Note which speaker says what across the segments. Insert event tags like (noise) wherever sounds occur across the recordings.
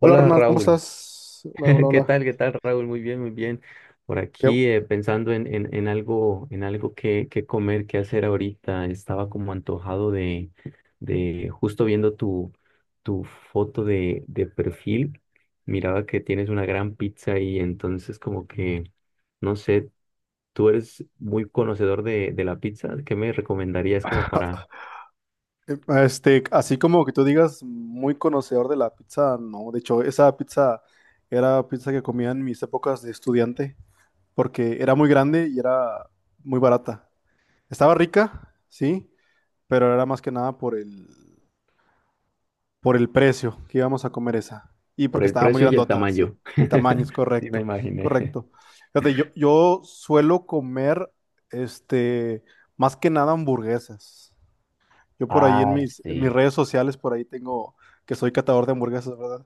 Speaker 1: Hola
Speaker 2: Hola
Speaker 1: Ronald, ¿cómo
Speaker 2: Raúl,
Speaker 1: estás? Hola, hola,
Speaker 2: (laughs) ¿qué
Speaker 1: hola.
Speaker 2: tal? ¿Qué tal Raúl? Muy bien, muy bien. Por
Speaker 1: Qué-
Speaker 2: aquí pensando en algo, en algo que comer, que hacer ahorita. Estaba como antojado de justo viendo tu foto de perfil. Miraba que tienes una gran pizza y entonces como que, no sé, tú eres muy conocedor de la pizza. ¿Qué me recomendarías como para,
Speaker 1: (laughs) Así como que tú digas, muy conocedor de la pizza, no. De hecho, esa pizza era pizza que comía en mis épocas de estudiante, porque era muy grande y era muy barata. Estaba rica, sí, pero era más que nada por el precio que íbamos a comer esa. Y
Speaker 2: por
Speaker 1: porque
Speaker 2: el
Speaker 1: estaba muy
Speaker 2: precio y el
Speaker 1: grandota, sí.
Speaker 2: tamaño?
Speaker 1: El tamaño es
Speaker 2: (laughs) Sí, me
Speaker 1: correcto,
Speaker 2: imaginé.
Speaker 1: correcto. Fíjate, yo suelo comer, este, más que nada hamburguesas. Yo por ahí
Speaker 2: Ah,
Speaker 1: en mis
Speaker 2: sí.
Speaker 1: redes sociales, por ahí tengo que soy catador de hamburguesas, ¿verdad?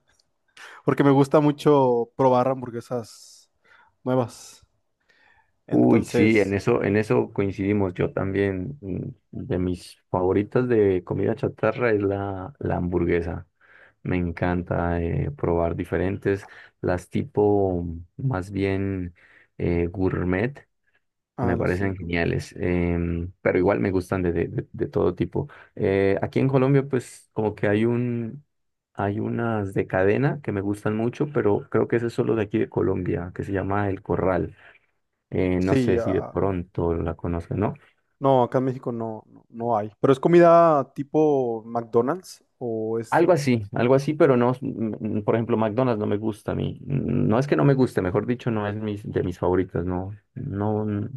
Speaker 1: Porque me gusta mucho probar hamburguesas nuevas.
Speaker 2: Uy, sí,
Speaker 1: Entonces,
Speaker 2: en eso coincidimos. Yo también, de mis favoritas de comida chatarra es la hamburguesa. Me encanta probar diferentes, las tipo más bien gourmet,
Speaker 1: a
Speaker 2: me
Speaker 1: los
Speaker 2: parecen
Speaker 1: cinco. ¿No?
Speaker 2: geniales, pero igual me gustan de todo tipo. Aquí en Colombia, pues como que hay hay unas de cadena que me gustan mucho, pero creo que ese es solo de aquí de Colombia, que se llama El Corral no
Speaker 1: Sí,
Speaker 2: sé si de
Speaker 1: ah,
Speaker 2: pronto la conozco, ¿no?
Speaker 1: no, acá en México no, no, no hay. ¿Pero es comida tipo McDonald's o es
Speaker 2: Algo
Speaker 1: distinto?
Speaker 2: así, pero no, mm, por ejemplo, McDonald's no me gusta a mí. Mm, no es que no me guste, mejor dicho, no es mis, de mis favoritas, no, no,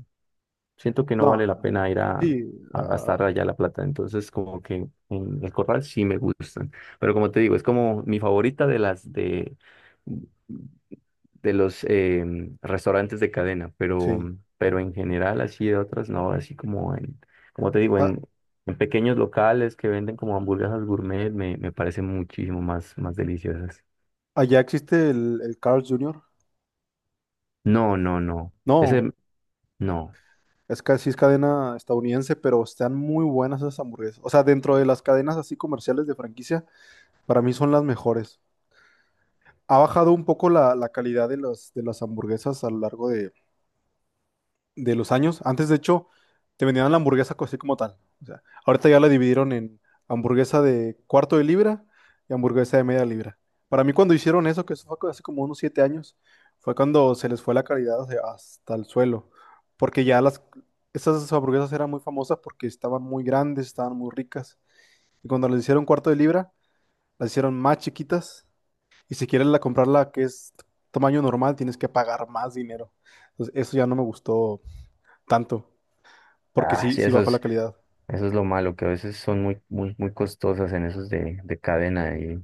Speaker 2: siento que no
Speaker 1: No,
Speaker 2: vale la pena ir
Speaker 1: sí,
Speaker 2: a
Speaker 1: ah,
Speaker 2: gastar allá la plata. Entonces, como que en el Corral sí me gustan. Pero como te digo, es como mi favorita de las de los restaurantes de cadena,
Speaker 1: sí.
Speaker 2: pero en general así de otras no, así como te digo,
Speaker 1: Ah,
Speaker 2: en, en pequeños locales que venden como hamburguesas gourmet me, me parecen muchísimo más, más deliciosas.
Speaker 1: allá existe el Carl's Jr.
Speaker 2: No, no, no. Ese,
Speaker 1: No,
Speaker 2: no.
Speaker 1: es casi es cadena estadounidense, pero están muy buenas esas hamburguesas. O sea, dentro de las cadenas así comerciales de franquicia, para mí son las mejores. Ha bajado un poco la calidad de de las hamburguesas a lo largo de los años. Antes, de hecho, te vendían la así como tal. O sea, ahorita ya la dividieron en hamburguesa de cuarto de libra y hamburguesa de media libra. Para mí, cuando hicieron eso, que eso fue hace como unos siete años, fue cuando se les fue la calidad, o sea, hasta el suelo. Porque ya esas hamburguesas eran muy famosas porque estaban muy grandes, estaban muy ricas. Y cuando les hicieron cuarto de libra, las hicieron más chiquitas. Y si quieres la comprarla que es tamaño normal, tienes que pagar más dinero. Entonces, eso ya no me gustó tanto. Porque
Speaker 2: Ah,
Speaker 1: sí,
Speaker 2: sí,
Speaker 1: sí bajó la calidad.
Speaker 2: eso es lo malo, que a veces son muy, muy, muy costosas en esos de cadena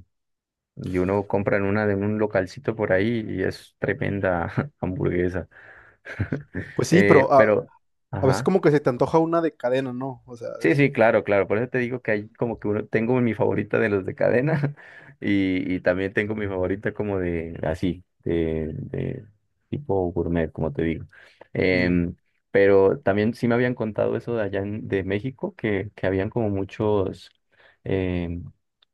Speaker 2: y uno compra en una de un localcito por ahí y es tremenda (laughs) hamburguesa. (laughs)
Speaker 1: Pues sí,
Speaker 2: Pero,
Speaker 1: a veces
Speaker 2: ajá.
Speaker 1: como que se te antoja una de cadena, ¿no? O sea,
Speaker 2: Sí, sí, claro, claro. Por eso te digo que hay como que uno, tengo mi favorita de los de cadena (laughs) y también tengo mi favorita como de así, de tipo gourmet, como te digo.
Speaker 1: mm,
Speaker 2: Em, pero también sí me habían contado eso de allá en- de México, que habían como muchos, em,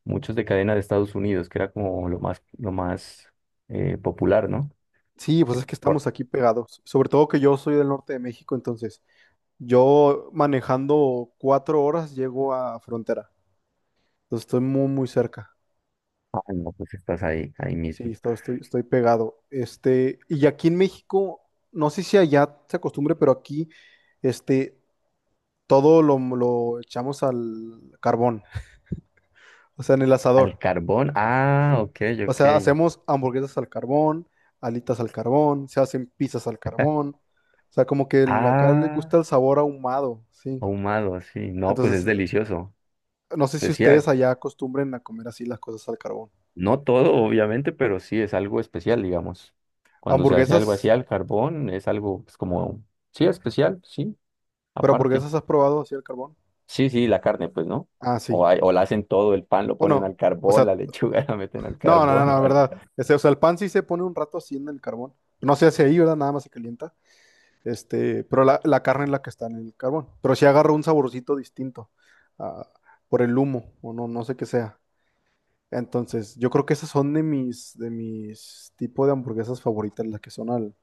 Speaker 2: muchos de cadena de Estados Unidos, que era como lo más popular, ¿no?
Speaker 1: sí, pues
Speaker 2: Que
Speaker 1: es que
Speaker 2: por,
Speaker 1: estamos aquí pegados. Sobre todo que yo soy del norte de México, entonces yo manejando cuatro horas llego a frontera. Entonces estoy muy, muy cerca.
Speaker 2: ah, no, pues estás ahí, ahí
Speaker 1: Sí,
Speaker 2: mismo.
Speaker 1: estoy pegado. Y aquí en México, no sé si allá se acostumbre, pero aquí, este, todo lo echamos al carbón, (laughs) o sea, en el asador.
Speaker 2: Al carbón, ah,
Speaker 1: Sí.
Speaker 2: ok,
Speaker 1: O
Speaker 2: ok.
Speaker 1: sea, hacemos hamburguesas al carbón, alitas al carbón, se hacen pizzas al carbón. O sea, como que acá le gusta
Speaker 2: Ah.
Speaker 1: el sabor ahumado, sí.
Speaker 2: Ahumado, así. No, pues es
Speaker 1: Entonces,
Speaker 2: delicioso.
Speaker 1: no sé si ustedes
Speaker 2: Especial.
Speaker 1: allá acostumbren a comer así las cosas al carbón.
Speaker 2: No todo, obviamente, pero sí es algo especial, digamos. Cuando se hace algo así
Speaker 1: Hamburguesas,
Speaker 2: al carbón, es algo pues, como, sí, especial, sí,
Speaker 1: pero
Speaker 2: aparte.
Speaker 1: hamburguesas has probado así al carbón.
Speaker 2: Sí, sí, la carne, pues, ¿no?
Speaker 1: Ah, sí.
Speaker 2: O, hay- o la hacen todo, el pan lo ponen
Speaker 1: Bueno,
Speaker 2: al
Speaker 1: o
Speaker 2: carbón,
Speaker 1: sea,
Speaker 2: la lechuga (laughs) la meten al
Speaker 1: no, no, no,
Speaker 2: carbón o
Speaker 1: no,
Speaker 2: algo.
Speaker 1: verdad. Ese, o sea, el pan sí se pone un rato así en el carbón. No se hace ahí, ¿verdad? Nada más se calienta. Este, pero la carne es la que está en el carbón. Pero sí agarra un saborcito distinto, ah, por el humo, o no, no sé qué sea. Entonces, yo creo que esas son de de mis tipos de hamburguesas favoritas, las que son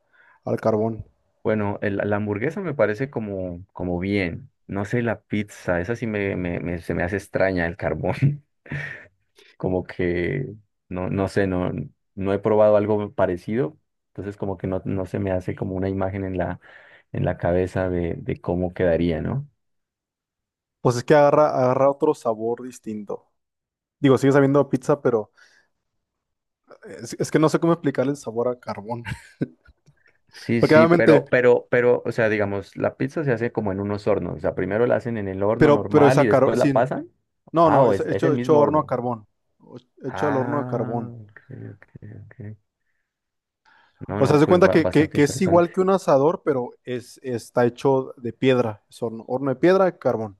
Speaker 1: al carbón.
Speaker 2: Bueno, el- la hamburguesa me parece como, como bien. No sé, la pizza, esa sí me- se me hace extraña, el carbón. Como que no, no sé, no, no he probado algo parecido, entonces como que no, no se me hace como una imagen en en la cabeza de cómo quedaría, ¿no?
Speaker 1: Pues es que agarra otro sabor distinto. Digo, sigue sabiendo a pizza, pero es que no sé cómo explicarle el sabor a carbón. (laughs)
Speaker 2: Sí,
Speaker 1: Porque
Speaker 2: sí,
Speaker 1: obviamente,
Speaker 2: pero, o sea, digamos, la pizza se hace como en unos hornos, o sea, primero la hacen en el horno
Speaker 1: pero
Speaker 2: normal y
Speaker 1: esa carbón,
Speaker 2: después la
Speaker 1: sí,
Speaker 2: pasan.
Speaker 1: no,
Speaker 2: Ah,
Speaker 1: no,
Speaker 2: o
Speaker 1: es
Speaker 2: es el
Speaker 1: hecho, hecho
Speaker 2: mismo
Speaker 1: horno a
Speaker 2: horno.
Speaker 1: carbón, o- hecho al horno de
Speaker 2: Ah,
Speaker 1: carbón.
Speaker 2: ok, ok, ok. No,
Speaker 1: O sea,
Speaker 2: no,
Speaker 1: se
Speaker 2: pues
Speaker 1: cuenta
Speaker 2: ba-
Speaker 1: que,
Speaker 2: bastante
Speaker 1: que es
Speaker 2: interesante.
Speaker 1: igual que un asador, pero es, está hecho de piedra. Es horno, horno de piedra, carbón.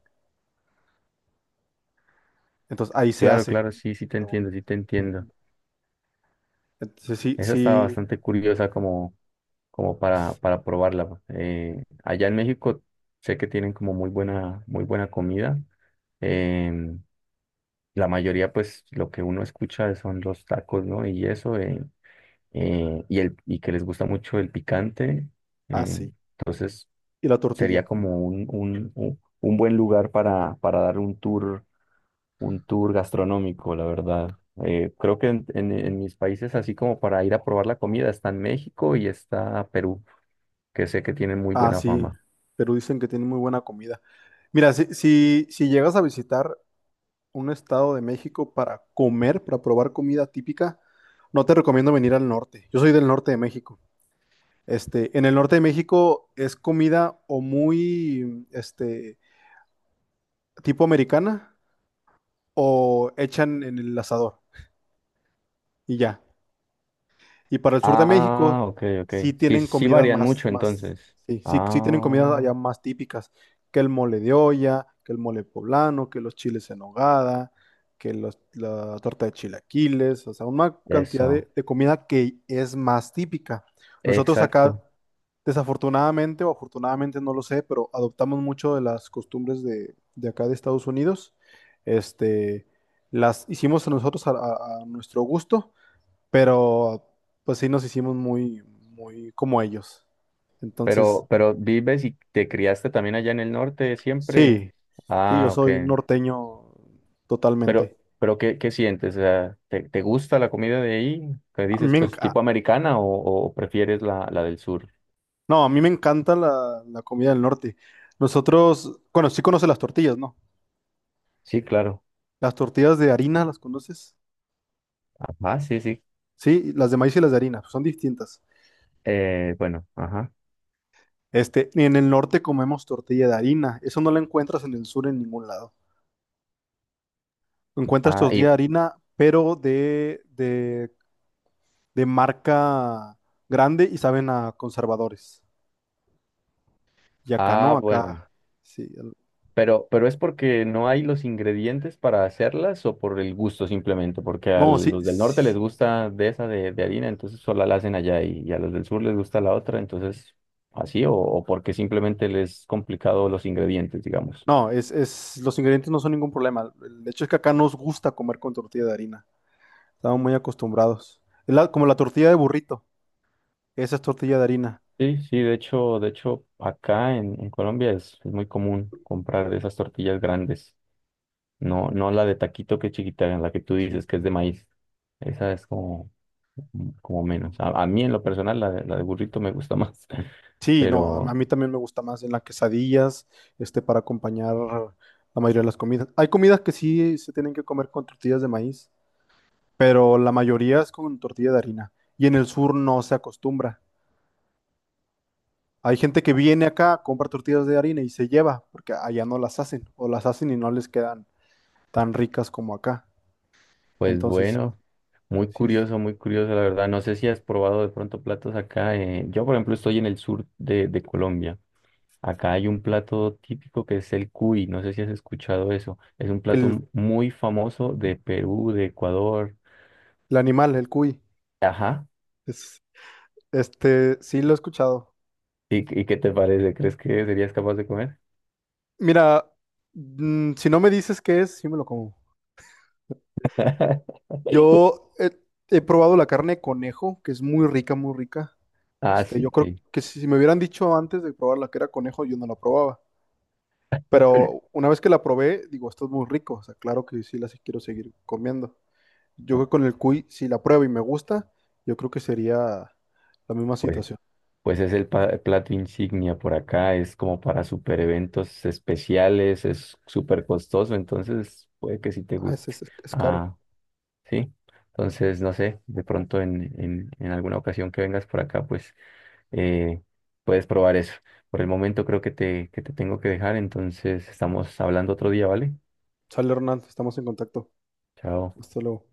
Speaker 1: Entonces ahí se
Speaker 2: Claro,
Speaker 1: hace.
Speaker 2: claro, sí, sí te
Speaker 1: Carbón.
Speaker 2: entiendo, sí te entiendo.
Speaker 1: Entonces sí,
Speaker 2: Esa está
Speaker 1: sí,
Speaker 2: bastante curiosa como como para probarla. Allá en México sé que tienen como muy buena comida. Em, la mayoría, pues, lo que uno escucha son los tacos, ¿no? Y eso, y, el, y que les gusta mucho el picante. Eh,
Speaker 1: así.
Speaker 2: entonces,
Speaker 1: Y la
Speaker 2: sería
Speaker 1: tortilla.
Speaker 2: como un buen lugar para dar un tour gastronómico, la verdad. Creo que en mis países, así como para ir a probar la comida, está en México y está Perú que sé que tienen muy
Speaker 1: Ah,
Speaker 2: buena
Speaker 1: sí.
Speaker 2: fama.
Speaker 1: Pero dicen que tiene muy buena comida. Mira, si, si, si llegas a visitar un estado de México para comer, para probar comida típica, no te recomiendo venir al norte. Yo soy del norte de México. Este, en el norte de México es comida o muy, este, tipo americana o echan en el asador y ya. Y para el sur de México,
Speaker 2: Ah, ok, ok.
Speaker 1: sí
Speaker 2: Sí,
Speaker 1: tienen
Speaker 2: sí
Speaker 1: comidas
Speaker 2: varían
Speaker 1: más,
Speaker 2: mucho
Speaker 1: más,
Speaker 2: entonces.
Speaker 1: sí, sí, sí tienen comidas
Speaker 2: Ah,
Speaker 1: allá más típicas, que el mole de olla, que el mole poblano, que los chiles en nogada, que la torta de chilaquiles, o sea, una cantidad
Speaker 2: eso,
Speaker 1: de comida que es más típica. Nosotros acá,
Speaker 2: exacto.
Speaker 1: desafortunadamente o afortunadamente, no lo sé, pero adoptamos mucho de las costumbres de acá de Estados Unidos. Este, las hicimos nosotros a a nuestro gusto, pero pues sí nos hicimos muy, muy como ellos. Entonces,
Speaker 2: Pero vives y te criaste también allá en el norte siempre.
Speaker 1: sí, sí, yo
Speaker 2: Ah, ok.
Speaker 1: soy norteño totalmente.
Speaker 2: Pero ¿qué, qué sientes? O sea, ¿te, te gusta la comida de ahí? ¿Qué
Speaker 1: A mí
Speaker 2: dices,
Speaker 1: me
Speaker 2: pues,
Speaker 1: enca-
Speaker 2: tipo americana o prefieres la del sur?
Speaker 1: no, a mí me encanta la comida del norte. Nosotros, bueno, sí conoces las tortillas, ¿no?
Speaker 2: Sí, claro.
Speaker 1: Las tortillas de harina, ¿las conoces?
Speaker 2: Ajá, sí, sí.
Speaker 1: Sí, las de maíz y las de harina, son distintas.
Speaker 2: Bueno, ajá.
Speaker 1: Este, y en el norte comemos tortilla de harina, eso no la encuentras en el sur en ningún lado. Encuentras
Speaker 2: Ah,
Speaker 1: tortilla de
Speaker 2: y,
Speaker 1: harina, pero de marca grande y saben a conservadores. Y acá
Speaker 2: ah,
Speaker 1: no,
Speaker 2: bueno.
Speaker 1: acá sí.
Speaker 2: Pero ¿es porque no hay los ingredientes para hacerlas o por el gusto simplemente, porque a
Speaker 1: No, sí,
Speaker 2: los del norte les
Speaker 1: sí,
Speaker 2: gusta de esa de harina, entonces solo la hacen allá y a los del sur les gusta la otra, entonces así o porque simplemente les es complicado los ingredientes, digamos?
Speaker 1: no, es, los ingredientes no son ningún problema. El hecho es que acá nos gusta comer con tortilla de harina. Estamos muy acostumbrados. Es como la tortilla de burrito. Esa es tortilla de harina.
Speaker 2: Sí, sí, de hecho acá en Colombia es muy común comprar esas tortillas grandes, no, no la de taquito que es chiquita, la que tú
Speaker 1: Sí.
Speaker 2: dices que es de maíz, esa es como como menos. A mí en lo personal la de burrito me gusta más. (laughs)
Speaker 1: Sí, no, a
Speaker 2: Pero
Speaker 1: mí también me gusta más en las quesadillas, para acompañar la mayoría de las comidas. Hay comidas que sí se tienen que comer con tortillas de maíz, pero la mayoría es con tortilla de harina. Y en el sur no se acostumbra. Hay gente que viene acá, compra tortillas de harina y se lleva, porque allá no las hacen, o las hacen y no les quedan tan ricas como acá.
Speaker 2: pues
Speaker 1: Entonces, sí,
Speaker 2: bueno,
Speaker 1: sí, sí.
Speaker 2: muy curioso, la verdad. No sé si has probado de pronto platos acá. Eh, yo, por ejemplo, estoy en el sur de Colombia. Acá hay un plato típico que es el cuy. No sé si has escuchado eso. Es un plato
Speaker 1: el,
Speaker 2: m- muy famoso de Perú, de Ecuador.
Speaker 1: el animal, el cuy,
Speaker 2: Ajá.
Speaker 1: es, este, sí lo he escuchado.
Speaker 2: Y qué te parece? ¿Crees que serías capaz de comer?
Speaker 1: Mira, mm, si no me dices qué es, sí me lo como.
Speaker 2: (laughs)
Speaker 1: Yo he, he probado la carne de conejo, que es muy rica, muy rica.
Speaker 2: Ah,
Speaker 1: Este,
Speaker 2: sí,
Speaker 1: yo creo
Speaker 2: sí.
Speaker 1: que si me hubieran dicho antes de probar la que era conejo, yo no la probaba. Pero una vez que la probé, digo, esto es muy rico. O sea, claro que sí quiero seguir comiendo. Yo creo que con el cuy, si la pruebo y me gusta, yo creo que sería la misma
Speaker 2: Pues
Speaker 1: situación.
Speaker 2: pues es el pa- plato insignia por acá, es como para super eventos especiales, es súper costoso, entonces puede que sí te
Speaker 1: Ah,
Speaker 2: guste.
Speaker 1: es caro.
Speaker 2: Ah, sí. Entonces, no sé, de pronto en alguna ocasión que vengas por acá, pues eh, puedes probar eso. Por el momento creo que te tengo que dejar, entonces estamos hablando otro día, ¿vale?
Speaker 1: Sale Hernán, estamos en contacto.
Speaker 2: Chao.
Speaker 1: Hasta luego.